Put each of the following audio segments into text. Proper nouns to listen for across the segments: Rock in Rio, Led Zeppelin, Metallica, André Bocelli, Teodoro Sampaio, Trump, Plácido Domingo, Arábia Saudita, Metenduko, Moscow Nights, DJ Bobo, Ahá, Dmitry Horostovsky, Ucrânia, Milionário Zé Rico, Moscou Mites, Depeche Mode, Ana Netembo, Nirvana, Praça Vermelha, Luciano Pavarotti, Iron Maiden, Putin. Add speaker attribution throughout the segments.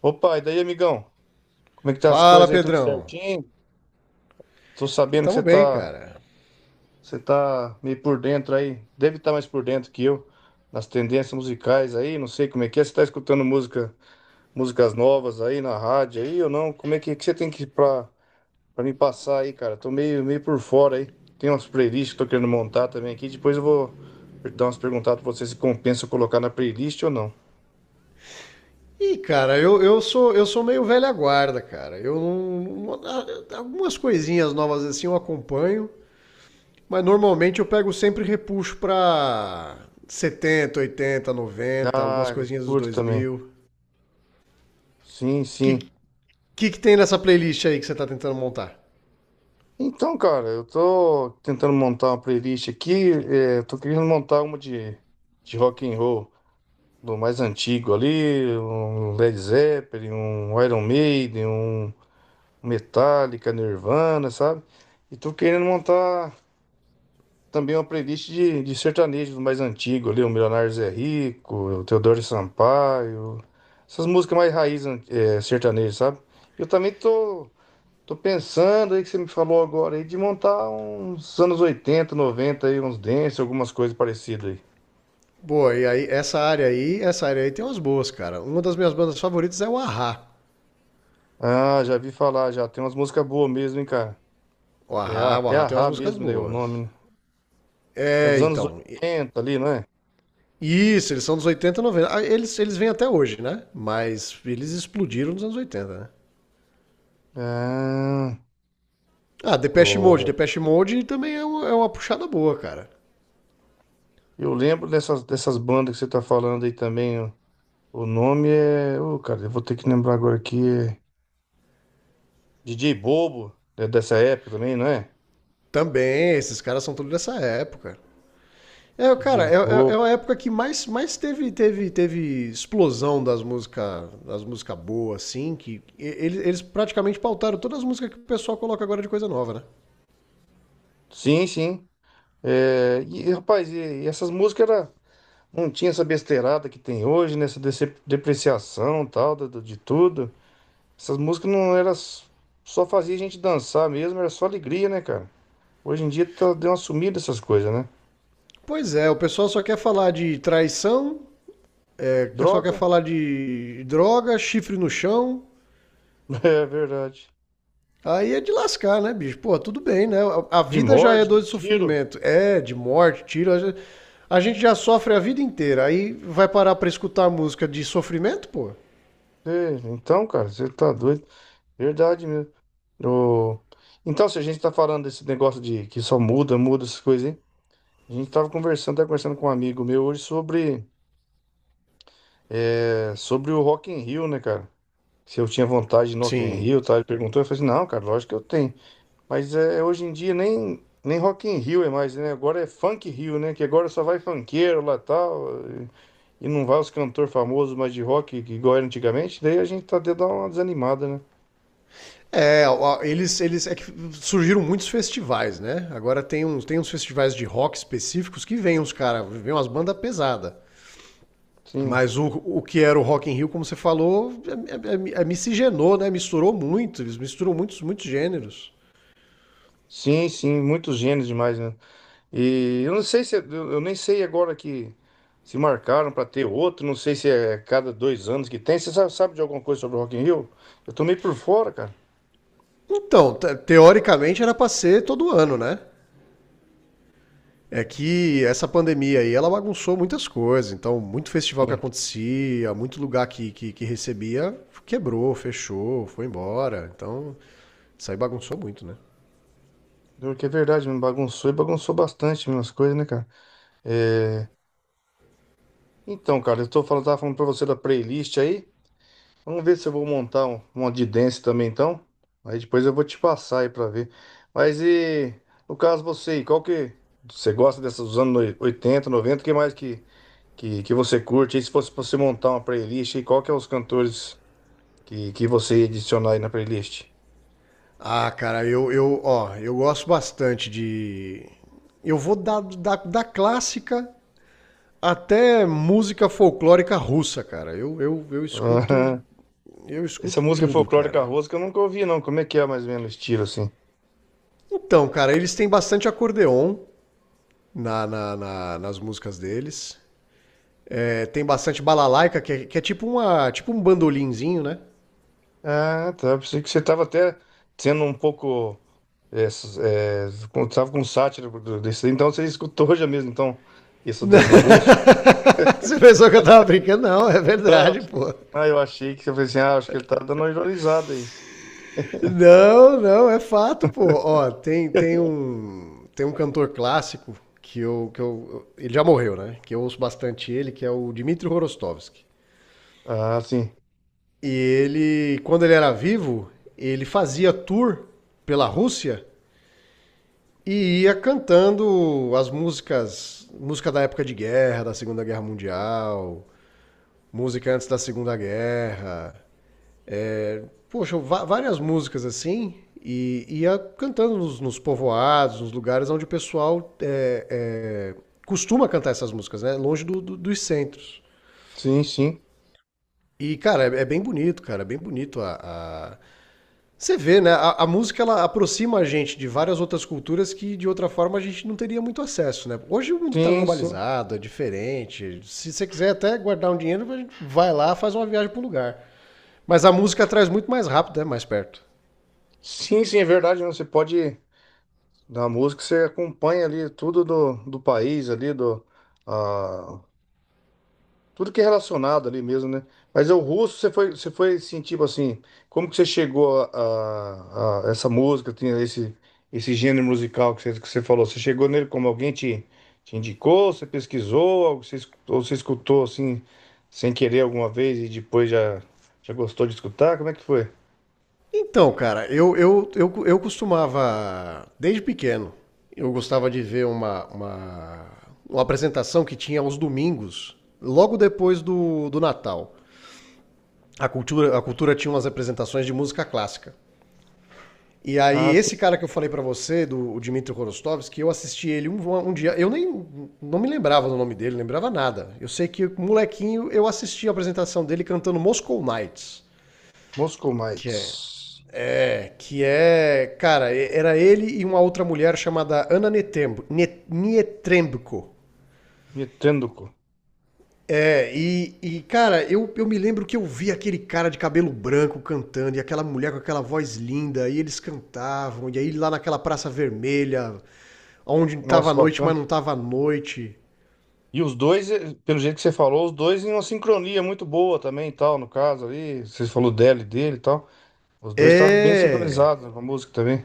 Speaker 1: Opa, e daí, amigão? Como é que tá as
Speaker 2: Fala,
Speaker 1: coisas aí? Tudo
Speaker 2: Pedrão.
Speaker 1: certinho? Tô sabendo que
Speaker 2: Tamo
Speaker 1: você
Speaker 2: bem,
Speaker 1: tá,
Speaker 2: cara.
Speaker 1: você tá meio por dentro aí. Deve estar mais por dentro que eu nas tendências musicais aí, não sei como é que é. Você tá escutando música, músicas novas aí na rádio aí ou não? Como é que você tem que para me passar aí, cara? Tô meio por fora aí. Tem umas playlists que eu tô querendo montar também aqui. Depois eu vou dar umas perguntadas pra você se compensa eu colocar na playlist ou não.
Speaker 2: Ih, cara, eu sou meio velha guarda, cara. Eu não, não- a- algumas coisinhas novas assim eu acompanho, mas normalmente eu pego sempre repuxo pra 70, 80, 90, algumas
Speaker 1: Ah, eu
Speaker 2: coisinhas dos
Speaker 1: curto também.
Speaker 2: 2000.
Speaker 1: Sim,
Speaker 2: Que
Speaker 1: sim.
Speaker 2: que que tem nessa playlist aí que você tá tentando montar?
Speaker 1: Então, cara, eu tô tentando montar uma playlist aqui, tô querendo montar uma de rock and roll, do mais antigo ali, um Led Zeppelin, um Iron Maiden, um Metallica, Nirvana, sabe? E tô querendo montar também uma playlist de sertanejo do mais antigo ali, o Milionário Zé Rico, o Teodoro Sampaio, essas músicas mais raiz, sertanejo, sabe? Eu também tô Tô pensando aí que você me falou agora aí de montar uns anos 80, 90 aí, uns dance, algumas coisas parecidas aí.
Speaker 2: Boa, e aí essa área aí, essa área aí tem umas boas, cara. Uma das minhas bandas favoritas é o Ahá.
Speaker 1: Ah, já vi falar já. Tem umas músicas boas mesmo, hein, cara?
Speaker 2: O
Speaker 1: É
Speaker 2: Ahá,
Speaker 1: a,
Speaker 2: o
Speaker 1: é
Speaker 2: Ahá
Speaker 1: a
Speaker 2: tem umas
Speaker 1: Rá
Speaker 2: músicas
Speaker 1: mesmo, né? O
Speaker 2: boas.
Speaker 1: nome, né? É
Speaker 2: É,
Speaker 1: dos anos
Speaker 2: então,
Speaker 1: oitenta ali, não é?
Speaker 2: Isso, eles são dos 80, 90. Ah, eles vêm até hoje, né? Mas eles explodiram nos anos 80, né?
Speaker 1: Ah,
Speaker 2: Ah, Depeche Mode.
Speaker 1: ô,
Speaker 2: Depeche Mode também é uma puxada boa, cara.
Speaker 1: eu lembro dessas bandas que você tá falando aí também. Ó. O nome é. Ô, cara, eu vou ter que lembrar agora aqui. É DJ Bobo, é dessa época também, não é?
Speaker 2: Também, esses caras são todos dessa época. É, cara,
Speaker 1: DJ
Speaker 2: é, é, é uma
Speaker 1: Bobo.
Speaker 2: época que mais teve explosão das músicas das música boas, assim, que eles praticamente pautaram todas as músicas que o pessoal coloca agora de coisa nova, né?
Speaker 1: Sim, sim. É, e, rapaz, e essas músicas era. Não tinha essa besteirada que tem hoje, né? Essa depreciação tal, de tudo. Essas músicas não só fazia a gente dançar mesmo, era só alegria, né, cara? Hoje em dia tá, deu uma sumida essas coisas, né?
Speaker 2: Pois é, o pessoal só quer falar de traição, só quer
Speaker 1: Droga,
Speaker 2: falar de droga, chifre no chão.
Speaker 1: é verdade.
Speaker 2: Aí é de lascar, né, bicho? Pô, tudo bem, né? A
Speaker 1: De
Speaker 2: vida já é
Speaker 1: morte,
Speaker 2: dor
Speaker 1: de
Speaker 2: de
Speaker 1: tiro.
Speaker 2: sofrimento. É, de morte, tiro. A gente já sofre a vida inteira. Aí vai parar pra escutar música de sofrimento, pô?
Speaker 1: É, então, cara, você tá doido. Verdade mesmo. O- Então, se a gente tá falando desse negócio de que só muda, muda essas coisas, hein? A gente tava conversando com um amigo meu hoje sobre, sobre o Rock in Rio, né, cara? Se eu tinha vontade de ir no Rock in
Speaker 2: Sim.
Speaker 1: Rio, tá? Ele perguntou, eu falei assim, não, cara, lógico que eu tenho. Mas é, hoje em dia nem Rock in Rio é mais, né? Agora é Funk Rio, né? Que agora só vai funkeiro lá tal, e não vai os cantores famosos mais de rock, que igual era antigamente, daí a gente tá de dar uma desanimada, né?
Speaker 2: É, ó, eles, eles. É que surgiram muitos festivais, né? Agora tem uns festivais de rock específicos que vem uns caras, vem umas bandas pesadas.
Speaker 1: Sim.
Speaker 2: Mas o que era o Rock in Rio, como você falou, é, miscigenou, né? Misturou muito. Eles misturam muitos gêneros.
Speaker 1: Sim, sim, muitos gênios demais, né? E eu não sei se, eu eu nem sei agora que se marcaram pra ter outro, não sei se é cada dois anos que tem. Você sabe, sabe de alguma coisa sobre o Rock in Rio? Eu tô meio por fora, cara.
Speaker 2: Então, teoricamente era para ser todo ano, né? É que essa pandemia aí, ela bagunçou muitas coisas. Então, muito festival que acontecia, muito lugar que recebia, quebrou, fechou, foi embora. Então, isso aí bagunçou muito, né?
Speaker 1: Pior que é verdade, me bagunçou e bagunçou bastante minhas coisas, né, cara? É, então, cara, eu tô falando, tava falando pra você da playlist aí. Vamos ver se eu vou montar uma de dance também, então. Aí depois eu vou te passar aí pra ver. Mas e, no caso você, aí, qual que... Você gosta dessas dos anos 80 90 o que mais que você curte? E se fosse pra você montar uma playlist, aí, qual que é os cantores que você ia adicionar aí na playlist?
Speaker 2: Ah, cara, eu, gosto bastante de. Eu vou da clássica até música folclórica russa, cara. Eu, eu, eu escuto,
Speaker 1: Aham.
Speaker 2: eu
Speaker 1: Essa
Speaker 2: escuto
Speaker 1: música
Speaker 2: tudo,
Speaker 1: folclórica
Speaker 2: cara.
Speaker 1: russa que eu nunca ouvi, não. Como é que é mais ou menos o estilo, assim?
Speaker 2: Então, cara, eles têm bastante acordeon nas músicas deles. É, tem bastante balalaica, que é tipo, uma, tipo um bandolinzinho, né?
Speaker 1: Ah, tá. Pensei que você estava até sendo um pouco. É, s- é, tava com sátira desse. Então você escutou já mesmo, então, isso
Speaker 2: Não,
Speaker 1: do russo.
Speaker 2: Você pensou que eu tava brincando? Não, é verdade, pô.
Speaker 1: Ah, eu achei que você falou assim, ah, acho que ele tá dando uma ironizada aí.
Speaker 2: Não, não, é fato, pô. Ó, tem, tem um tem um cantor clássico que eu. Ele já morreu, né? Que eu ouço bastante ele, que é o Dmitry Horostovsky.
Speaker 1: Ah, sim.
Speaker 2: E ele, quando ele era vivo, ele fazia tour pela Rússia. E ia cantando as músicas, música da época de guerra, da Segunda Guerra Mundial, música antes da Segunda Guerra. Poxa, várias músicas assim. E ia cantando nos povoados, nos lugares onde o pessoal costuma cantar essas músicas, né? Longe dos centros.
Speaker 1: Sim, sim.
Speaker 2: E, cara, é bem bonito, cara. É bem bonito. A- Você vê, né? A música ela aproxima a gente de várias outras culturas que de outra forma a gente não teria muito acesso, né? Hoje o mundo está
Speaker 1: Sim, sim.
Speaker 2: globalizado, é diferente. Se você quiser até guardar um dinheiro, a gente vai lá, faz uma viagem para o lugar. Mas a música traz muito mais rápido, né? Mais perto.
Speaker 1: Sim, sim, é verdade, né? Você pode, na música, você acompanha ali tudo do país ali, do. Tudo que é relacionado ali mesmo, né? Mas é o russo, você foi assim, tipo assim, como que você chegou a essa música, tinha esse, esse gênero musical que você falou? Você chegou nele como alguém te indicou, você pesquisou, ou você, escu- ou você escutou assim, sem querer alguma vez e depois já gostou de escutar? Como é que foi?
Speaker 2: Então, cara, eu costumava, desde pequeno, eu gostava de ver uma apresentação que tinha aos domingos, logo depois do Natal. A cultura tinha umas apresentações de música clássica. E aí,
Speaker 1: Ah, sim.
Speaker 2: esse cara que eu falei pra você, do o Dmitry Korostovski, eu assisti ele um dia. Eu nem, não me lembrava do nome dele, lembrava nada. Eu sei que, molequinho, eu assisti a apresentação dele cantando Moscow Nights,
Speaker 1: Moscou
Speaker 2: que é.
Speaker 1: Mites.
Speaker 2: que é. Cara, era ele e uma outra mulher chamada Ana Netembo, Net.
Speaker 1: Metenduko.
Speaker 2: É, e, cara, eu me lembro que eu vi aquele cara de cabelo branco cantando e aquela mulher com aquela voz linda, e eles cantavam, e aí lá naquela Praça Vermelha, onde tava
Speaker 1: Nossa,
Speaker 2: noite,
Speaker 1: bacana.
Speaker 2: mas não tava noite.
Speaker 1: E os dois, pelo jeito que você falou, os dois em uma sincronia muito boa também, e tal, no caso ali, você falou dela e dele e tal. Os dois estavam bem
Speaker 2: É.
Speaker 1: sincronizados, né, com a música também.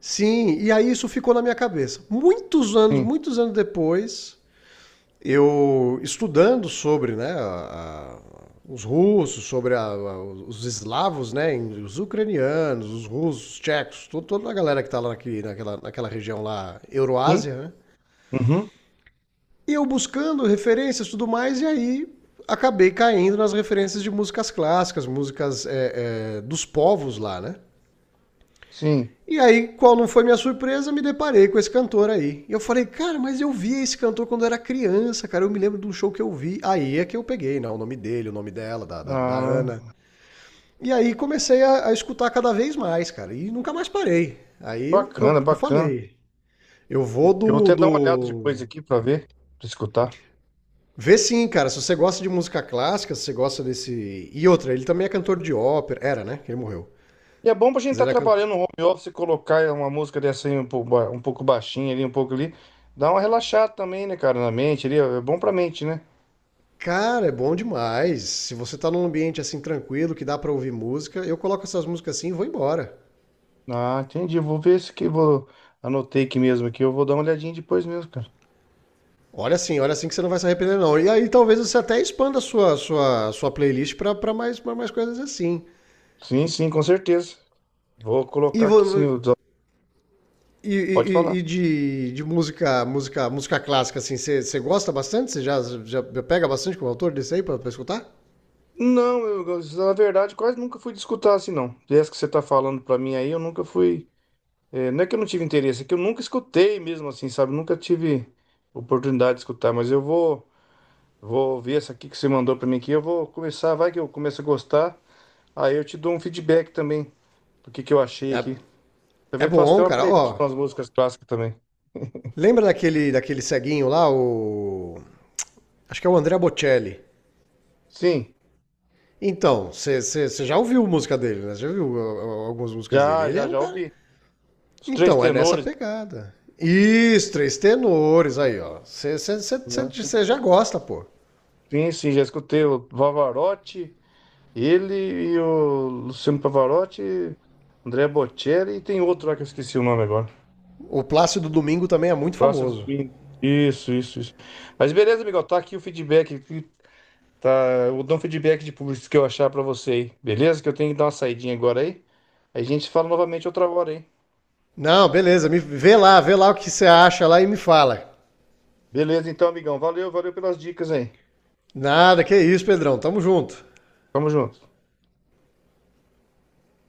Speaker 2: Sim, e aí isso ficou na minha cabeça.
Speaker 1: Sim.
Speaker 2: Muitos anos depois, eu estudando sobre né, os russos, sobre os eslavos, né, os ucranianos, os russos, os tchecos, toda a galera que está lá naquela região lá,
Speaker 1: Sim.
Speaker 2: Euroásia, né?
Speaker 1: Uhum.
Speaker 2: E eu buscando referências e tudo mais, e aí acabei caindo nas referências de músicas clássicas, músicas dos povos lá, né?
Speaker 1: Sim.
Speaker 2: E aí, qual não foi minha surpresa, me deparei com esse cantor aí. E eu falei, cara, mas eu vi esse cantor quando eu era criança, cara, eu me lembro de um show que eu vi. Aí é que eu peguei, né, o nome dele, o nome dela, da
Speaker 1: Ah,
Speaker 2: Ana. E aí comecei a escutar cada vez mais, cara, e nunca mais parei. Aí eu, eu,
Speaker 1: bacana,
Speaker 2: eu
Speaker 1: bacana.
Speaker 2: falei, eu vou
Speaker 1: Eu vou
Speaker 2: do,
Speaker 1: até dar uma olhada depois
Speaker 2: do...
Speaker 1: aqui pra ver, pra escutar.
Speaker 2: Vê sim, cara, se você gosta de música clássica, se você gosta desse... E outra, ele também é cantor de ópera, era, né, que ele morreu.
Speaker 1: E é bom pra gente
Speaker 2: Mas
Speaker 1: estar
Speaker 2: ele é can-
Speaker 1: trabalhando no home office e colocar uma música dessa aí um pouco, um pouco baixinha ali, um pouco ali. Dá uma relaxada também, né, cara, na mente ali. É bom pra mente, né?
Speaker 2: Cara, é bom demais. Se você tá num ambiente assim tranquilo, que dá pra ouvir música, eu coloco essas músicas assim e vou embora.
Speaker 1: Ah, entendi. Eu vou ver se que vou. Anotei aqui mesmo aqui. Eu vou dar uma olhadinha depois mesmo, cara.
Speaker 2: Olha assim que você não vai se arrepender não. E aí talvez você até expanda a sua playlist pra mais coisas assim.
Speaker 1: Sim, sim, com certeza. Vou
Speaker 2: E
Speaker 1: colocar aqui
Speaker 2: vo-
Speaker 1: sim. O desa- Pode falar.
Speaker 2: de música clássica assim, você gosta bastante? Você já pega bastante com o autor desse aí pra, pra escutar?
Speaker 1: Não, eu, na verdade, quase nunca fui de escutar assim, não. Dessa que você tá falando pra mim aí, eu nunca fui. É, não é que eu não tive interesse, é que eu nunca escutei mesmo assim, sabe? Nunca tive oportunidade de escutar, mas vou ver essa aqui que você mandou pra mim aqui. Eu vou começar, vai que eu começo a gostar. Aí eu te dou um feedback também do que eu achei
Speaker 2: É,
Speaker 1: aqui.
Speaker 2: é
Speaker 1: Também faço até
Speaker 2: bom,
Speaker 1: uma
Speaker 2: cara.
Speaker 1: playlist
Speaker 2: Ó,
Speaker 1: com as músicas clássicas também.
Speaker 2: lembra daquele ceguinho lá, o acho que é o André Bocelli.
Speaker 1: Sim,
Speaker 2: Então, você já ouviu música dele, né? Já ouviu ó, algumas músicas dele. Ele é um
Speaker 1: já
Speaker 2: cara.
Speaker 1: ouvi. Os três
Speaker 2: Então, é nessa
Speaker 1: tenores,
Speaker 2: pegada. Isso, três tenores aí, ó.
Speaker 1: né?
Speaker 2: Você já gosta, pô.
Speaker 1: Sim, sim, já escutei o Pavarotti, ele e o Luciano Pavarotti, André Bocelli e tem outro lá que eu esqueci o nome agora.
Speaker 2: O Plácido Domingo também é muito
Speaker 1: Próximo
Speaker 2: famoso.
Speaker 1: domingo. Isso, isso, isso. Mas beleza, amigão, tá aqui o feedback. Aqui, tá, eu dou um feedback de público que eu achar pra você aí. Beleza? Que eu tenho que dar uma saidinha agora aí. Aí a gente fala novamente outra hora, hein?
Speaker 2: Não, beleza, me, vê lá o que você acha lá e me fala.
Speaker 1: Beleza, então, amigão. Valeu, valeu pelas dicas aí.
Speaker 2: Nada, que isso, Pedrão, tamo junto.
Speaker 1: Tamo junto.